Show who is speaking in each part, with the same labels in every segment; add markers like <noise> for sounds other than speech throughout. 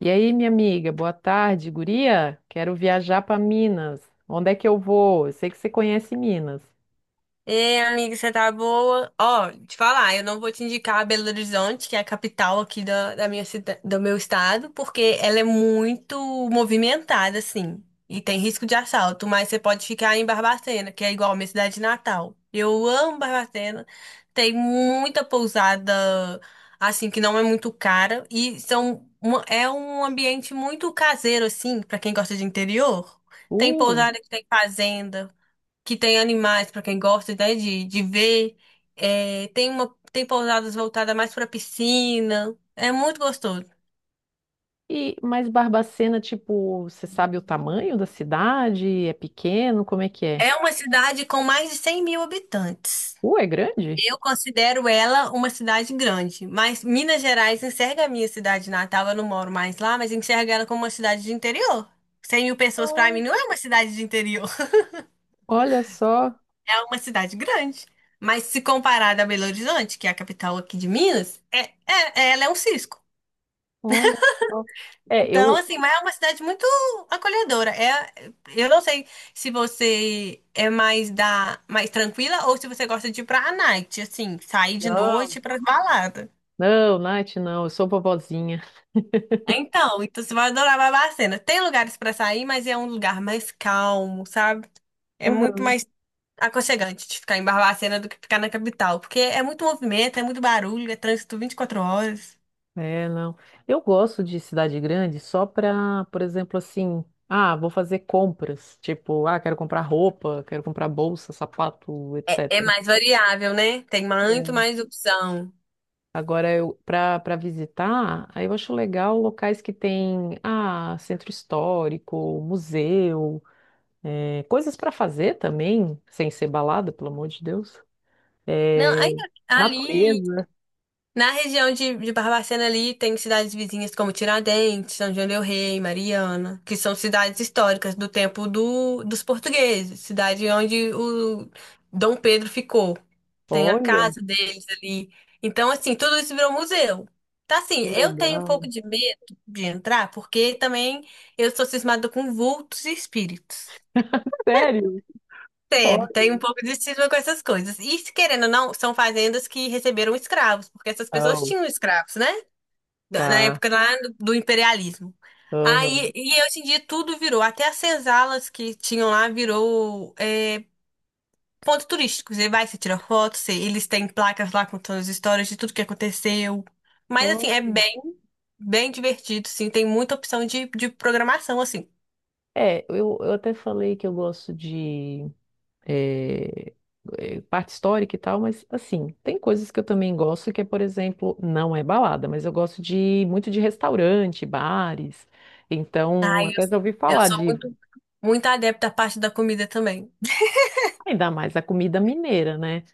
Speaker 1: E aí, minha amiga, boa tarde, guria. Quero viajar para Minas. Onde é que eu vou? Eu sei que você conhece Minas.
Speaker 2: Ei, amiga, você tá boa? Ó, te falar, eu não vou te indicar Belo Horizonte, que é a capital aqui do meu estado, porque ela é muito movimentada, assim, e tem risco de assalto, mas você pode ficar em Barbacena, que é igual a minha cidade natal. Eu amo Barbacena, tem muita pousada, assim, que não é muito cara, e é um ambiente muito caseiro, assim, pra quem gosta de interior. Tem
Speaker 1: Uh,
Speaker 2: pousada que tem fazenda que tem animais para quem gosta, né, de ver. É, tem pousadas voltadas mais para piscina. É muito gostoso.
Speaker 1: e mas Barbacena, tipo, você sabe o tamanho da cidade? É pequeno? Como é que é?
Speaker 2: É uma cidade com mais de 100 mil habitantes.
Speaker 1: É grande?
Speaker 2: Eu considero ela uma cidade grande, mas Minas Gerais enxerga a minha cidade natal. Eu não moro mais lá, mas enxerga ela como uma cidade de interior. 100 mil pessoas para mim não é uma cidade de interior,
Speaker 1: Olha só,
Speaker 2: <laughs> é uma cidade grande. Mas se comparada a Belo Horizonte, que é a capital aqui de Minas, ela é um cisco.
Speaker 1: olha só. É,
Speaker 2: Então,
Speaker 1: eu.
Speaker 2: assim, mas é uma cidade muito acolhedora. É, eu não sei se você é mais da mais tranquila ou se você gosta de ir pra night, assim, sair de
Speaker 1: Não,
Speaker 2: noite pra balada.
Speaker 1: não, Nath, não, eu sou vovozinha.
Speaker 2: Então, então você vai adorar Barbacena. Tem lugares pra sair, mas é um lugar mais calmo, sabe? É muito
Speaker 1: <laughs>
Speaker 2: mais aconchegante de ficar em Barbacena do que ficar na capital, porque é muito movimento, é muito barulho, é trânsito 24 horas.
Speaker 1: É, não. Eu gosto de cidade grande só pra, por exemplo, assim, ah, vou fazer compras. Tipo, ah, quero comprar roupa, quero comprar bolsa, sapato,
Speaker 2: É, é
Speaker 1: etc.
Speaker 2: mais variável, né? Tem muito
Speaker 1: É.
Speaker 2: mais opção.
Speaker 1: Agora, eu, para visitar, aí eu acho legal locais que tem, ah, centro histórico, museu, coisas para fazer também, sem ser balada, pelo amor de Deus.
Speaker 2: Não, aí,
Speaker 1: É,
Speaker 2: ali
Speaker 1: natureza.
Speaker 2: na região de Barbacena ali tem cidades vizinhas como Tiradentes, São João del Rei, Mariana, que são cidades históricas do tempo dos portugueses, cidade onde o Dom Pedro ficou. Tem a
Speaker 1: Olha.
Speaker 2: casa deles ali. Então, assim, tudo isso virou museu. Tá assim,
Speaker 1: Que
Speaker 2: eu tenho um
Speaker 1: legal.
Speaker 2: pouco de medo de entrar, porque também eu sou cismada com vultos e espíritos.
Speaker 1: Sério?
Speaker 2: Sério, tem
Speaker 1: Olha.
Speaker 2: um pouco de cisma com essas coisas. E, se querendo ou não, são fazendas que receberam escravos, porque essas pessoas
Speaker 1: Oh,
Speaker 2: tinham escravos, né? Na
Speaker 1: tá.
Speaker 2: época lá do imperialismo.
Speaker 1: Aham.
Speaker 2: E aí, hoje em dia tudo virou, até as senzalas que tinham lá virou ponto turístico. Você vai, você tira foto, você- eles têm placas lá contando as histórias de tudo que aconteceu. Mas assim, é bem, bem divertido, sim. Tem muita opção de programação, assim.
Speaker 1: É, eu até falei que eu gosto de eh, parte histórica e tal, mas assim, tem coisas que eu também gosto, que é, por exemplo, não é balada, mas eu gosto de muito de restaurante, bares. Então,
Speaker 2: Ai, eu,
Speaker 1: até já ouvi
Speaker 2: eu
Speaker 1: falar
Speaker 2: sou
Speaker 1: de
Speaker 2: muito, muito adepta à parte da comida também.
Speaker 1: ainda mais a comida mineira, né?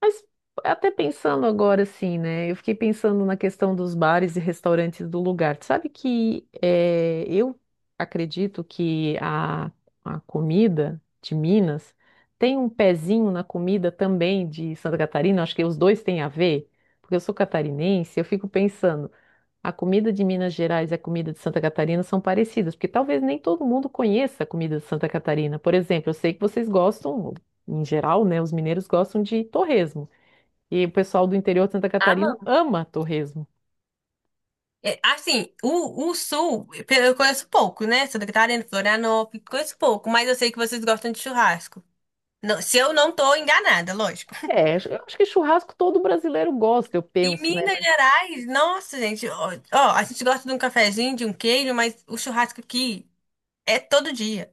Speaker 1: Mas até pensando agora assim, né? Eu fiquei pensando na questão dos bares e restaurantes do lugar. Tu sabe que eu acredito que a comida de Minas tem um pezinho na comida também de Santa Catarina. Acho que os dois têm a ver, porque eu sou catarinense. Eu fico pensando, a comida de Minas Gerais e a comida de Santa Catarina são parecidas, porque talvez nem todo mundo conheça a comida de Santa Catarina. Por exemplo, eu sei que vocês gostam, em geral, né? Os mineiros gostam de torresmo. E o pessoal do interior de Santa Catarina ama torresmo.
Speaker 2: É, assim, o Sul, eu conheço pouco, né? Santa Catarina, Florianópolis, conheço pouco, mas eu sei que vocês gostam de churrasco. Não- se eu não tô enganada, lógico.
Speaker 1: É, acho- eu acho que churrasco todo brasileiro gosta, eu
Speaker 2: E
Speaker 1: penso, né?
Speaker 2: Minas
Speaker 1: Mas
Speaker 2: Gerais, nossa, gente, ó, ó, a gente gosta de um cafezinho, de um queijo, mas o churrasco aqui é todo dia.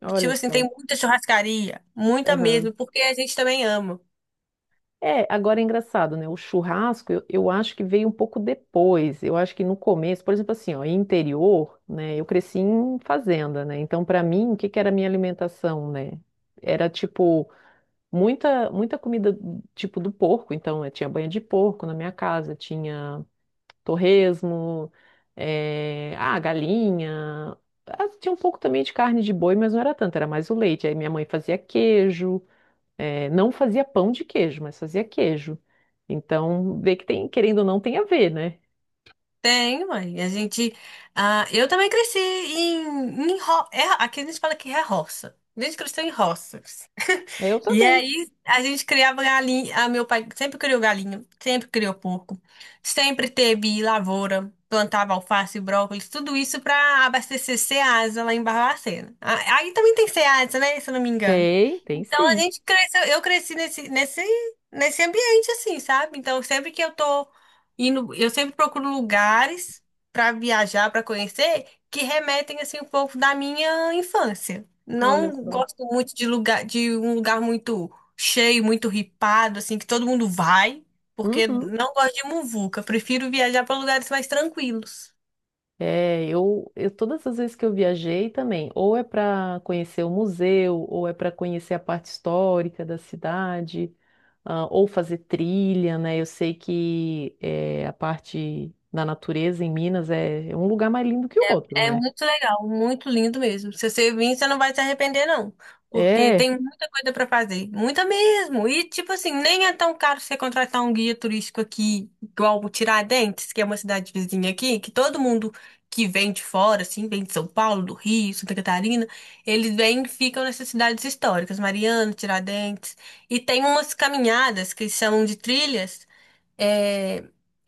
Speaker 1: olha
Speaker 2: Tipo assim, tem
Speaker 1: só.
Speaker 2: muita churrascaria, muita
Speaker 1: Aham.
Speaker 2: mesmo, porque a gente também ama.
Speaker 1: É, agora é engraçado, né? O churrasco, eu acho que veio um pouco depois. Eu acho que no começo, por exemplo, assim, ó, em interior, né? Eu cresci em fazenda, né? Então, para mim, o que que era a minha alimentação, né? Era tipo muita muita comida tipo do porco. Então, eu tinha banha de porco na minha casa, tinha torresmo, galinha. Ah, tinha um pouco também de carne de boi, mas não era tanto, era mais o leite. Aí minha mãe fazia queijo, não fazia pão de queijo, mas fazia queijo. Então, vê que tem, querendo ou não, tem a ver, né?
Speaker 2: Tem, mãe. A gente. Ah, eu também cresci aqui a gente fala que é roça. A gente cresceu em roças.
Speaker 1: Eu
Speaker 2: E
Speaker 1: também.
Speaker 2: aí a gente criava galinha. Ah, meu pai sempre criou galinha, sempre criou porco, sempre teve lavoura, plantava alface, brócolis, tudo isso para abastecer Ceasa lá em Barbacena. Ah, aí também tem Ceasa, né? Se eu não me engano.
Speaker 1: Tem, tem
Speaker 2: Então a
Speaker 1: sim.
Speaker 2: gente cresceu, eu cresci nesse, nesse, nesse ambiente assim, sabe? Então sempre que eu tô indo, eu sempre procuro lugares para viajar, para conhecer, que remetem assim um pouco da minha infância.
Speaker 1: Olha
Speaker 2: Não
Speaker 1: só.
Speaker 2: gosto muito de lugar, de um lugar muito cheio, muito ripado, assim, que todo mundo vai, porque
Speaker 1: Uhum.
Speaker 2: não gosto de muvuca. Prefiro viajar para lugares mais tranquilos.
Speaker 1: É, eu todas as vezes que eu viajei também, ou é para conhecer o museu, ou é para conhecer a parte histórica da cidade, ah, ou fazer trilha, né? Eu sei que a parte da natureza em Minas é um lugar mais lindo que o outro,
Speaker 2: É
Speaker 1: né?
Speaker 2: muito legal, muito lindo mesmo. Se você vir, você não vai se arrepender, não. Porque
Speaker 1: É,
Speaker 2: tem muita coisa para fazer. Muita mesmo. E, tipo assim, nem é tão caro você contratar um guia turístico aqui, igual o Tiradentes, que é uma cidade vizinha aqui, que todo mundo que vem de fora, assim, vem de São Paulo, do Rio, Santa Catarina, eles vêm e ficam nessas cidades históricas, Mariana, Tiradentes. E tem umas caminhadas que chamam de trilhas, é,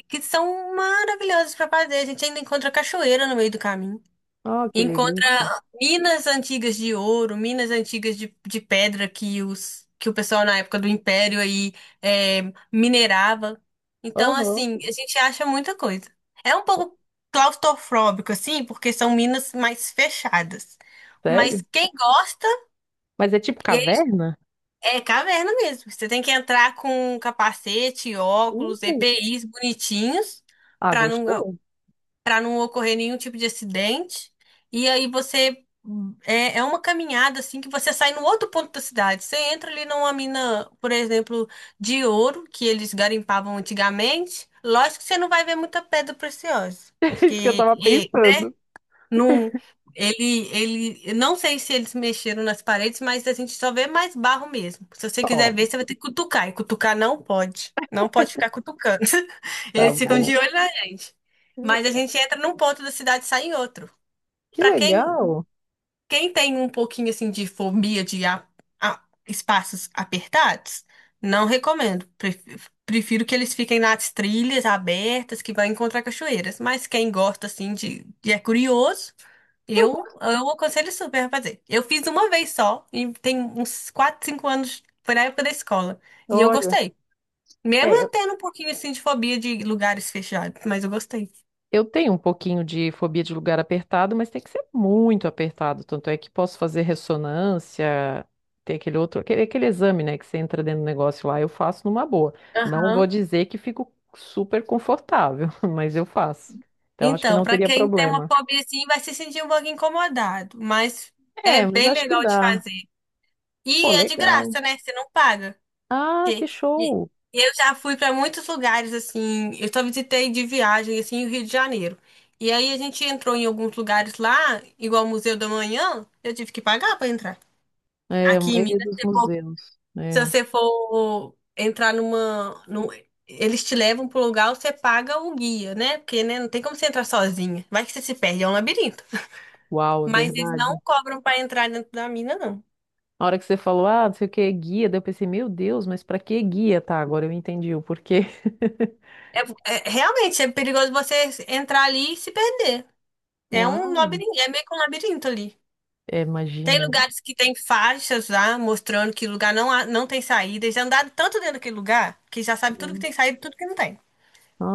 Speaker 2: que são maravilhosas para fazer. A gente ainda encontra cachoeira no meio do caminho.
Speaker 1: ó, que delícia.
Speaker 2: Encontra minas antigas de ouro, minas antigas de pedra que o pessoal na época do Império aí é, minerava. Então,
Speaker 1: Aham,
Speaker 2: assim, a gente acha muita coisa. É um pouco claustrofóbico, assim, porque são minas mais fechadas.
Speaker 1: sério?
Speaker 2: Mas quem gosta,
Speaker 1: Mas é tipo
Speaker 2: e aí
Speaker 1: caverna?
Speaker 2: é caverna mesmo. Você tem que entrar com capacete, óculos,
Speaker 1: Uh,
Speaker 2: EPIs bonitinhos,
Speaker 1: ah,
Speaker 2: para não
Speaker 1: gostou? <laughs>
Speaker 2: para não ocorrer nenhum tipo de acidente. E aí você é uma caminhada assim que você sai no outro ponto da cidade. Você entra ali numa mina, por exemplo, de ouro que eles garimpavam antigamente. Lógico que você não vai ver muita pedra preciosa,
Speaker 1: É isso que eu
Speaker 2: porque
Speaker 1: tava pensando.
Speaker 2: não, ele, eu não sei se eles mexeram nas paredes, mas a gente só vê mais barro mesmo. Se você
Speaker 1: Ó,
Speaker 2: quiser ver, você vai ter que cutucar. E cutucar não pode. Não pode ficar cutucando. <laughs>
Speaker 1: tá
Speaker 2: Eles ficam
Speaker 1: bom.
Speaker 2: de olho na gente. Mas a gente entra num ponto da cidade e sai em outro.
Speaker 1: Que
Speaker 2: Pra quem
Speaker 1: legal.
Speaker 2: quem tem um pouquinho assim de fobia de espaços apertados, não recomendo. Prefiro que eles fiquem nas trilhas abertas que vai encontrar cachoeiras. Mas quem gosta assim de é curioso,
Speaker 1: Eu, gosto.
Speaker 2: eu aconselho super a fazer. Eu fiz uma vez só e tem uns 4 5 anos, foi na época da escola. E eu
Speaker 1: Olha,
Speaker 2: gostei. Mesmo
Speaker 1: é.
Speaker 2: eu tendo um pouquinho assim de fobia de lugares fechados, mas eu gostei.
Speaker 1: Eu tenho um pouquinho de fobia de lugar apertado, mas tem que ser muito apertado. Tanto é que posso fazer ressonância, tem aquele outro, aquele exame, né, que você entra dentro do negócio lá, eu faço numa boa. Não vou
Speaker 2: Aham.
Speaker 1: dizer que fico super confortável, <laughs> mas eu faço. Então acho que
Speaker 2: Então,
Speaker 1: não
Speaker 2: para
Speaker 1: teria
Speaker 2: quem tem uma
Speaker 1: problema.
Speaker 2: fobia assim, vai se sentir um pouco incomodado, mas é
Speaker 1: É, mas
Speaker 2: bem
Speaker 1: acho que
Speaker 2: legal de
Speaker 1: dá.
Speaker 2: fazer.
Speaker 1: Pô,
Speaker 2: E é de
Speaker 1: legal.
Speaker 2: graça, né? Você não paga.
Speaker 1: Ah, que
Speaker 2: Porque e-
Speaker 1: show!
Speaker 2: eu já fui para muitos lugares assim, eu só visitei de viagem assim o Rio de Janeiro. E aí a gente entrou em alguns lugares lá, igual o Museu da Manhã, eu tive que pagar para entrar.
Speaker 1: É, a
Speaker 2: Aqui em Minas,
Speaker 1: maioria dos museus.
Speaker 2: se
Speaker 1: É.
Speaker 2: você for entrar eles te levam pro lugar, você paga o guia, né? Porque, né, não tem como você entrar sozinha. Vai que você se perde, é um labirinto.
Speaker 1: Uau, é
Speaker 2: Mas eles não
Speaker 1: verdade.
Speaker 2: cobram para entrar dentro da mina, não.
Speaker 1: Na hora que você falou, ah, não sei o que, guia, daí eu pensei, meu Deus, mas pra que guia? Tá, agora eu entendi o porquê.
Speaker 2: É, é- realmente é perigoso você entrar ali e se perder. É um
Speaker 1: Uau,
Speaker 2: labirinto, é meio que um labirinto ali.
Speaker 1: é,
Speaker 2: Tem
Speaker 1: imagino.
Speaker 2: lugares que tem faixas lá, mostrando que lugar não, não tem saída. Eles já andaram tanto dentro daquele lugar que já sabe tudo que tem saída e tudo que não tem.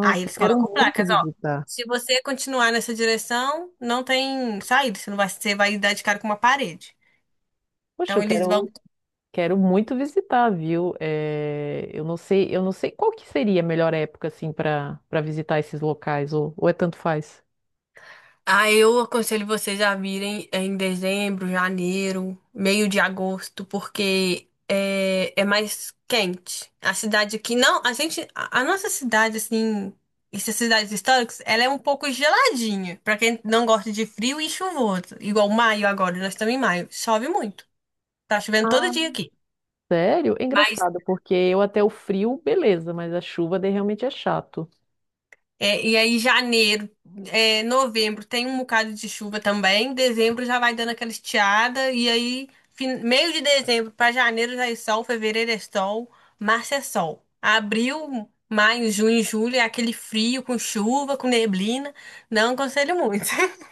Speaker 2: Aí
Speaker 1: eu
Speaker 2: eles
Speaker 1: quero
Speaker 2: colocam
Speaker 1: muito
Speaker 2: placas, ó.
Speaker 1: visitar.
Speaker 2: Se você continuar nessa direção, não tem saída. Você não vai, você vai dar de cara com uma parede.
Speaker 1: Poxa,
Speaker 2: Então
Speaker 1: eu
Speaker 2: eles vão.
Speaker 1: quero muito visitar, viu? É, eu não sei qual que seria a melhor época assim para visitar esses locais ou é tanto faz.
Speaker 2: Ah, eu aconselho vocês a virem em dezembro, janeiro, meio de agosto, porque é, é mais quente. A cidade aqui, não, a gente, a nossa cidade, assim, essas cidades históricas, ela é um pouco geladinha, pra quem não gosta de frio e chuvoso. Igual maio agora, nós estamos em maio, chove muito. Tá chovendo todo
Speaker 1: Ah,
Speaker 2: dia aqui.
Speaker 1: sério? É
Speaker 2: Mas
Speaker 1: engraçado, porque eu até o frio, beleza, mas a chuva daí realmente é chato.
Speaker 2: E aí, janeiro, novembro tem um bocado de chuva também. Dezembro já vai dando aquela estiada. E aí, meio de dezembro para janeiro já é sol. Fevereiro é sol. Março é sol. Abril, maio, junho, julho é aquele frio com chuva, com neblina. Não aconselho muito. <laughs>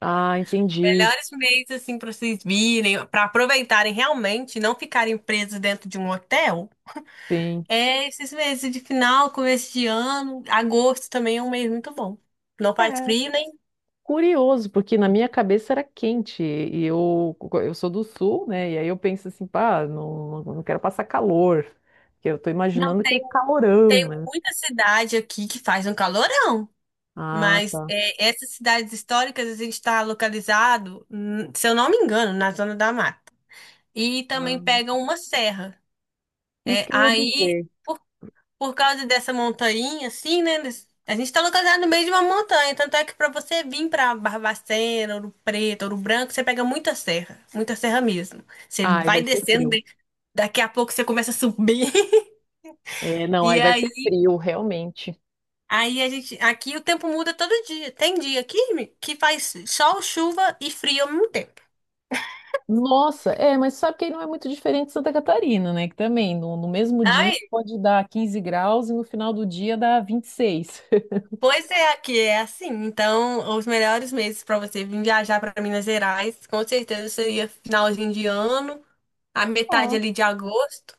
Speaker 1: Ah, entendi.
Speaker 2: Melhores meses, assim, para vocês virem, para aproveitarem realmente, não ficarem presos dentro de um hotel.
Speaker 1: Sim.
Speaker 2: É esses meses de final, começo de ano. Agosto também é um mês muito bom. Não faz
Speaker 1: É,
Speaker 2: frio, né?
Speaker 1: curioso, porque na minha cabeça era quente, e eu sou do sul, né? E aí eu penso assim, pá, não, não quero passar calor, porque eu tô
Speaker 2: Não,
Speaker 1: imaginando aquele calorão,
Speaker 2: tem
Speaker 1: né?
Speaker 2: muita cidade aqui que faz um calorão,
Speaker 1: Ah,
Speaker 2: mas
Speaker 1: tá.
Speaker 2: é, essas cidades históricas a gente está localizado, se eu não me engano, na zona da mata. E também
Speaker 1: Ah,
Speaker 2: pega uma serra.
Speaker 1: isso
Speaker 2: É,
Speaker 1: que eu ia
Speaker 2: aí,
Speaker 1: dizer.
Speaker 2: por, por causa dessa montanha, assim, né? A gente está localizado no meio de uma montanha, tanto é que para você vir para Barbacena, Ouro Preto, Ouro Branco, você pega muita serra mesmo. Você
Speaker 1: Ai, vai
Speaker 2: vai
Speaker 1: ser
Speaker 2: descendo,
Speaker 1: frio.
Speaker 2: né, daqui a pouco você começa a subir. <laughs>
Speaker 1: É, não, aí
Speaker 2: E
Speaker 1: vai ser
Speaker 2: aí
Speaker 1: frio, realmente.
Speaker 2: Aí a gente, aqui o tempo muda todo dia. Tem dia que faz sol, chuva e frio ao mesmo tempo.
Speaker 1: Nossa, é, mas sabe que aí não é muito diferente de Santa Catarina, né? Que também no mesmo dia
Speaker 2: Ai,
Speaker 1: pode dar 15 graus e no final do dia dá 26. <laughs>
Speaker 2: pois é, aqui é assim. Então, os melhores meses para você vir viajar para Minas Gerais, com certeza seria finalzinho de ano, a metade
Speaker 1: Ah,
Speaker 2: ali de agosto.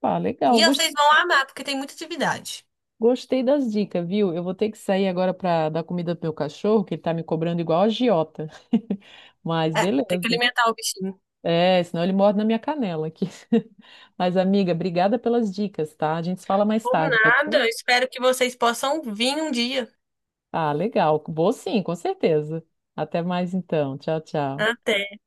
Speaker 1: pá,
Speaker 2: E
Speaker 1: legal.
Speaker 2: vocês vão amar, porque tem muita atividade.
Speaker 1: Gostei das dicas, viu? Eu vou ter que sair agora para dar comida pro meu cachorro, que ele tá me cobrando igual a agiota. <laughs> Mas
Speaker 2: É, tem que
Speaker 1: beleza.
Speaker 2: alimentar o bichinho.
Speaker 1: É, senão ele morde na minha canela aqui. <laughs> Mas, amiga, obrigada pelas dicas, tá? A gente se fala mais
Speaker 2: Por
Speaker 1: tarde, pode
Speaker 2: nada,
Speaker 1: ser?
Speaker 2: eu espero que vocês possam vir um dia.
Speaker 1: Ah, legal. Vou sim, com certeza. Até mais então. Tchau, tchau.
Speaker 2: Até.